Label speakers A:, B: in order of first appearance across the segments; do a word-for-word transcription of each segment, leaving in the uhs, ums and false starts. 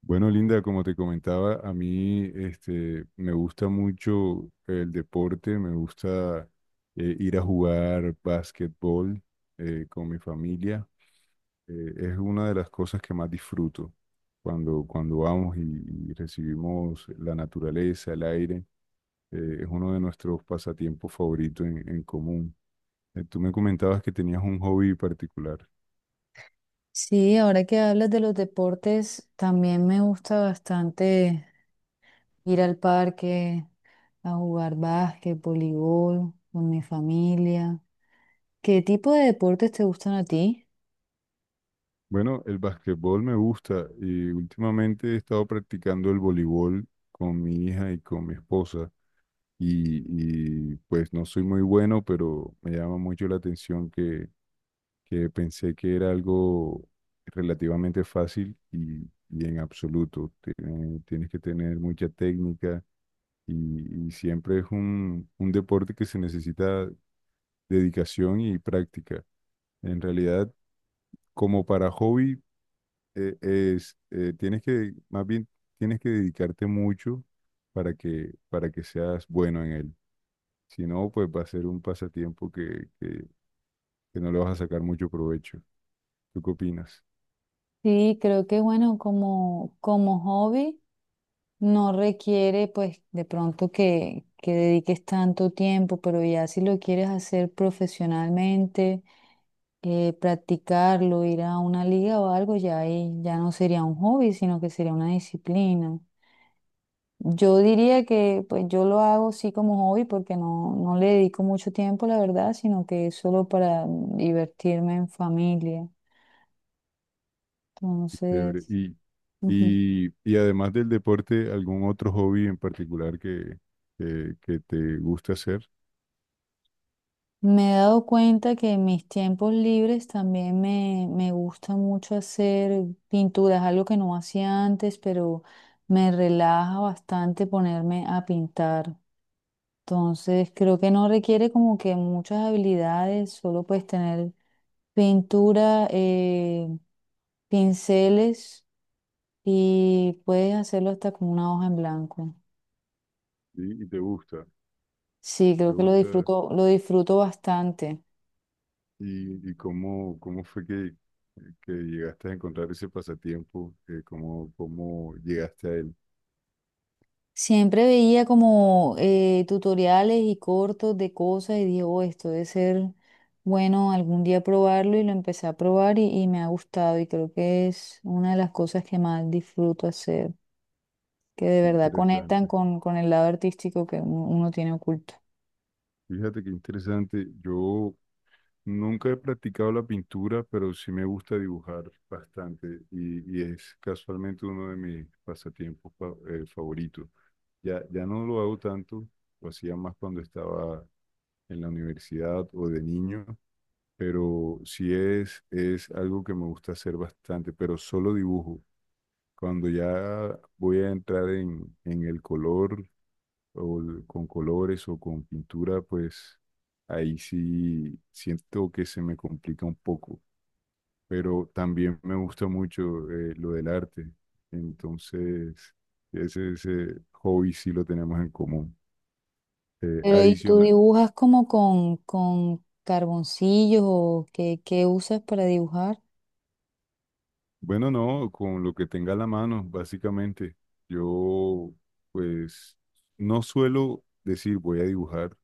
A: Bueno, Linda, como te comentaba, a mí este, me gusta mucho el deporte, me gusta eh, ir a jugar básquetbol eh, con mi familia. Eh, es una de las cosas que más disfruto cuando, cuando vamos y, y recibimos la naturaleza, el aire. Eh, es uno de nuestros pasatiempos favoritos en, en común. Eh, tú me comentabas que tenías un hobby particular.
B: Sí, ahora que hablas de los deportes, también me gusta bastante ir al parque a jugar básquet, voleibol con mi familia. ¿Qué tipo de deportes te gustan a ti?
A: Bueno, el básquetbol me gusta y últimamente he estado practicando el voleibol con mi hija y con mi esposa y, y, pues no soy muy bueno, pero me llama mucho la atención que, que pensé que era algo relativamente fácil y, y en absoluto. Tiene- Tienes que tener mucha técnica y, y siempre es un, un deporte que se necesita dedicación y práctica. En realidad, como para hobby eh, es, eh, tienes que, más bien, tienes que dedicarte mucho para que, para que seas bueno en él. Si no, pues va a ser un pasatiempo que, que, que no le vas a sacar mucho provecho. ¿Tú qué opinas?
B: Sí, creo que bueno, como, como hobby no requiere pues de pronto que, que dediques tanto tiempo, pero ya si lo quieres hacer profesionalmente, eh, practicarlo, ir a una liga o algo, ya ahí ya no sería un hobby, sino que sería una disciplina. Yo diría que pues yo lo hago sí como hobby porque no, no le dedico mucho tiempo, la verdad, sino que es solo para mm, divertirme en familia.
A: Chévere.
B: Entonces,
A: Y,
B: ujú.
A: y, y además del deporte, ¿algún otro hobby en particular que, que, que te gusta hacer?
B: Me he dado cuenta que en mis tiempos libres también me, me gusta mucho hacer pinturas, algo que no hacía antes, pero me relaja bastante ponerme a pintar. Entonces, creo que no requiere como que muchas habilidades, solo puedes tener pintura, eh, pinceles y puedes hacerlo hasta con una hoja en blanco.
A: ¿Sí? Y te gusta,
B: Sí,
A: te
B: creo que lo
A: gusta.
B: disfruto, lo disfruto bastante.
A: ¿Y, y cómo, cómo fue que, que llegaste a encontrar ese pasatiempo? Eh, ¿Cómo, cómo llegaste a él?
B: Siempre veía como eh, tutoriales y cortos de cosas y dije: "Oh, esto debe ser bueno algún día probarlo" y lo empecé a probar y, y me ha gustado y creo que es una de las cosas que más disfruto hacer, que de
A: Qué
B: verdad conectan
A: interesante.
B: con, con el lado artístico que uno uno tiene oculto.
A: Fíjate qué interesante. Yo nunca he practicado la pintura, pero sí me gusta dibujar bastante y, y es casualmente uno de mis pasatiempos fa- eh, favoritos. Ya, ya no lo hago tanto, lo hacía más cuando estaba en la universidad o de niño, pero sí es, es algo que me gusta hacer bastante, pero solo dibujo. Cuando ya voy a entrar en, en el color o l- con colores o con pintura, pues ahí sí siento que se me complica un poco, pero también me gusta mucho eh, lo del arte, entonces ese, ese hobby sí lo tenemos en común. Eh,
B: Pero ¿y tú
A: adicional,
B: dibujas como con, con carboncillos o qué, qué usas para dibujar?
A: bueno, no, con lo que tenga a la mano, básicamente, yo pues no suelo decir voy a dibujar,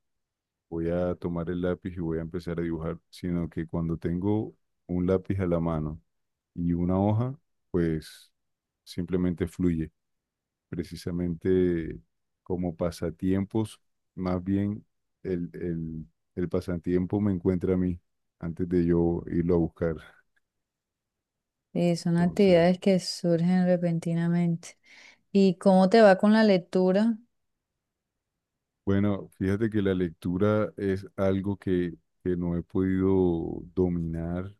A: voy a tomar el lápiz y voy a empezar a dibujar, sino que cuando tengo un lápiz a la mano y una hoja, pues simplemente fluye. Precisamente como pasatiempos, más bien el, el, el pasatiempo me encuentra a mí antes de yo irlo a buscar.
B: Eh, son
A: Entonces,
B: actividades que surgen repentinamente. ¿Y cómo te va con la lectura?
A: bueno, fíjate que la lectura es algo que, que no he podido dominar,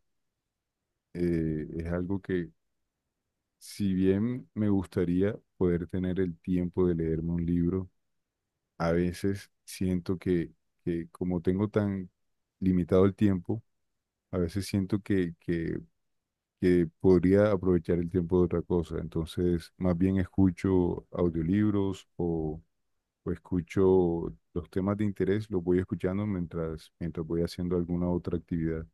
A: eh, es algo que si bien me gustaría poder tener el tiempo de leerme un libro, a veces siento que, que como tengo tan limitado el tiempo, a veces siento que, que, que podría aprovechar el tiempo de otra cosa. Entonces, más bien escucho audiolibros o, o escucho los temas de interés, los voy escuchando mientras, mientras voy haciendo alguna otra actividad.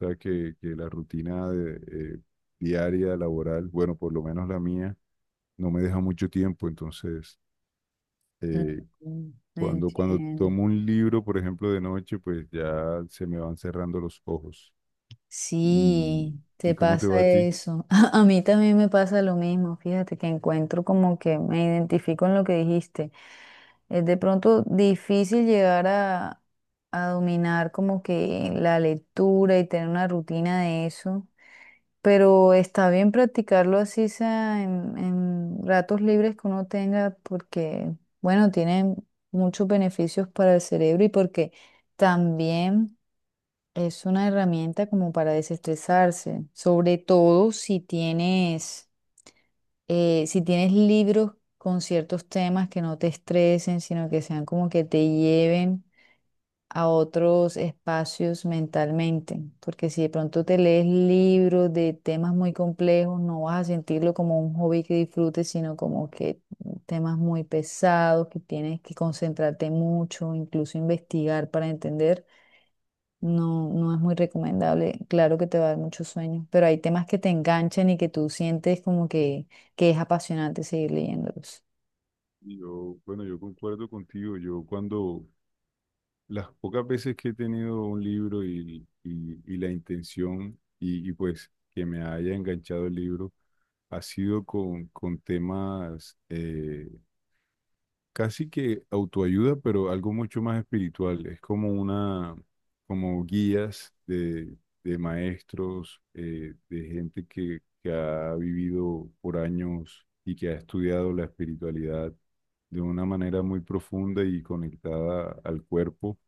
A: O sea, que, que la rutina de, eh, diaria, laboral, bueno, por lo menos la mía no me deja mucho tiempo, entonces eh,
B: Mm,
A: cuando, cuando
B: entiendo.
A: tomo un libro, por ejemplo, de noche, pues ya se me van cerrando los ojos. ¿Y,
B: Sí,
A: y
B: te
A: cómo te va
B: pasa
A: a ti?
B: eso. A mí también me pasa lo mismo, fíjate que encuentro como que me identifico en lo que dijiste. Es de pronto difícil llegar a, a dominar como que la lectura y tener una rutina de eso, pero está bien practicarlo así sea en, en ratos libres que uno tenga porque, bueno, tiene muchos beneficios para el cerebro y porque también... Es una herramienta como para desestresarse, sobre todo si tienes, eh, si tienes libros con ciertos temas que no te estresen, sino que sean como que te lleven a otros espacios mentalmente, porque si de pronto te lees libros de temas muy complejos, no vas a sentirlo como un hobby que disfrutes, sino como que temas muy pesados, que tienes que concentrarte mucho, incluso investigar para entender. No, no es muy recomendable. Claro que te va a dar mucho sueño, pero hay temas que te enganchan y que tú sientes como que, que es apasionante seguir leyéndolos.
A: Yo, bueno, yo concuerdo contigo. Yo cuando las pocas veces que he tenido un libro y, y- y la intención y, y, pues que me haya enganchado el libro, ha sido con, con temas, eh, casi que autoayuda, pero algo mucho más espiritual. Es como una, como guías de, de maestros, eh, de gente que, que ha vivido por años y que ha estudiado la espiritualidad de una manera muy profunda y conectada al cuerpo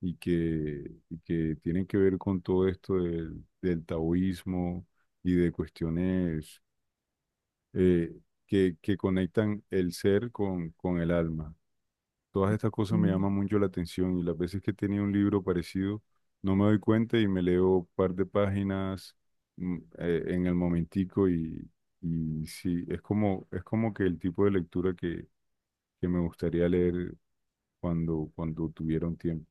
A: y que, y que tienen que ver con todo esto del, del taoísmo y de cuestiones eh, que, que conectan el ser con, con el alma. Todas estas cosas me
B: Mm,
A: llaman mucho la atención y las veces que tenía un libro parecido no me doy cuenta y me leo un par de páginas mm, eh, en el momentico y, y sí, es como, es como que el tipo de lectura que, que me gustaría leer cuando, cuando tuviera un tiempo.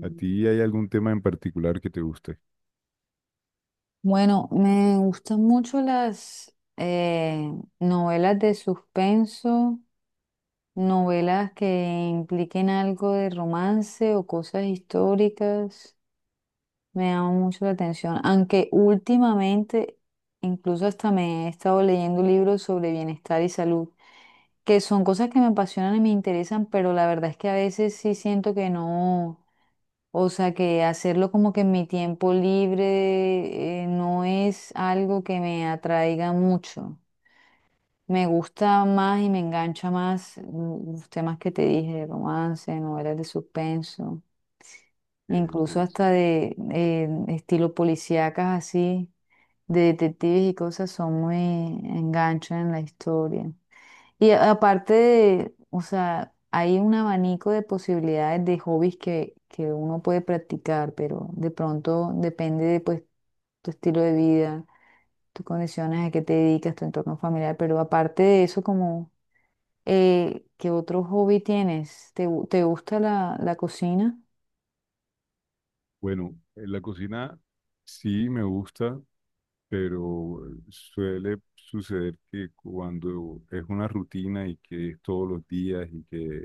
A: ¿A ti hay algún tema en particular que te guste?
B: Bueno, me gustan mucho las eh, novelas de suspenso, novelas que impliquen algo de romance o cosas históricas. Me llama mucho la atención, aunque últimamente incluso hasta me he estado leyendo libros sobre bienestar y salud, que son cosas que me apasionan y me interesan, pero la verdad es que a veces sí siento que no, o sea, que hacerlo como que en mi tiempo libre eh, no es algo que me atraiga mucho. Me gusta más y me engancha más mm, los temas que te dije, romance, novelas de suspenso
A: Que-
B: incluso
A: que
B: hasta
A: sí.
B: de eh, estilo policíacas así, de detectives y cosas, son muy enganchan en la historia. Y a- aparte de, o sea, hay un abanico de posibilidades de hobbies que, que uno puede practicar, pero de pronto depende de pues tu estilo de vida, tus condiciones, a qué te dedicas, tu entorno familiar, pero aparte de eso, como, eh, ¿qué otro hobby tienes? ¿Te, gu- te gusta la, la cocina?
A: Bueno, en la cocina sí me gusta, pero suele suceder que cuando es una rutina y que es todos los días y que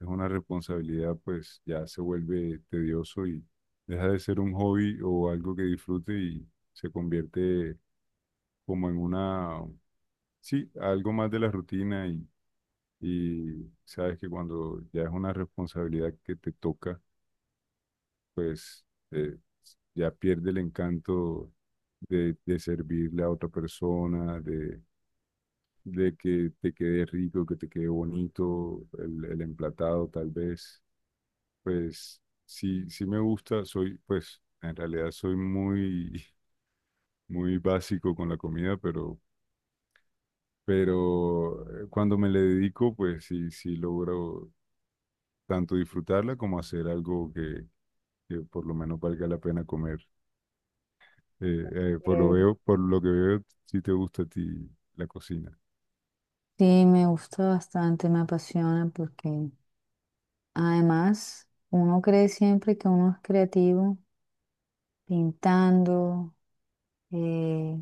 A: es una responsabilidad, pues ya se vuelve tedioso y deja de ser un hobby o algo que disfrute y se convierte como en una, sí, algo más de la rutina y, y sabes que cuando ya es una responsabilidad que te toca, pues eh, ya pierde el encanto de, de servirle a otra persona, de de que te quede rico, que te quede bonito, el, el emplatado tal vez, pues sí, sí me gusta, soy, pues en realidad soy muy, muy básico con la comida, pero, pero eh, cuando me le dedico, pues sí, sí logro tanto disfrutarla como hacer algo que, que por lo menos valga la pena comer. Eh, eh, por lo
B: Eh,
A: veo, por lo que veo, sí te gusta a ti la cocina.
B: Sí, me gusta bastante, me apasiona porque además uno cree siempre que uno es creativo pintando, eh,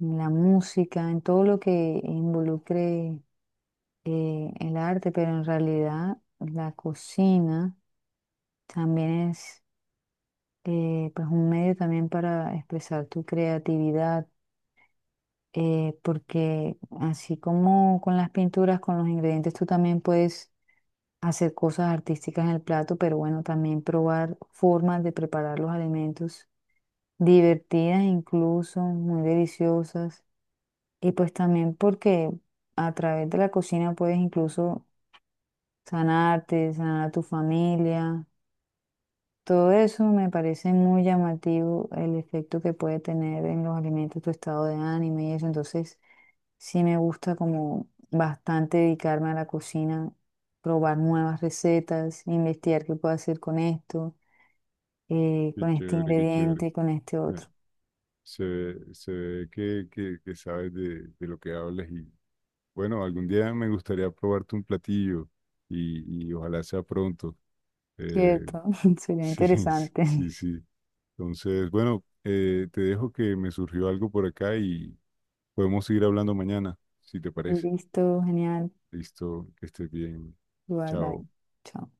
B: en la música, en todo lo que involucre eh, el arte, pero en realidad la cocina también es eh, pues un medio también para expresar tu creatividad, eh, porque así como con las pinturas, con los ingredientes, tú también puedes hacer cosas artísticas en el plato, pero bueno, también probar formas de preparar los alimentos divertidas incluso, muy deliciosas. Y pues también porque a través de la cocina puedes incluso sanarte, sanar a tu familia, todo eso me parece muy llamativo, el efecto que puede tener en los alimentos tu estado de ánimo y eso. Entonces, sí me gusta como bastante dedicarme a la cocina, probar nuevas recetas, investigar qué puedo hacer con esto, eh,
A: Qué
B: con este
A: chévere, qué chévere.
B: ingrediente, con este
A: Me-
B: otro.
A: Se ve, se ve que, que, que sabes de, de lo que hablas y bueno, algún día me gustaría probarte un platillo y, y ojalá sea pronto. Eh,
B: Cierto, sería
A: sí, sí,
B: interesante.
A: sí. Entonces, bueno, eh, te dejo que me surgió algo por acá y podemos seguir hablando mañana, si te parece.
B: Listo, genial.
A: Listo, que estés bien.
B: Igual, bye.
A: Chao.
B: Chao.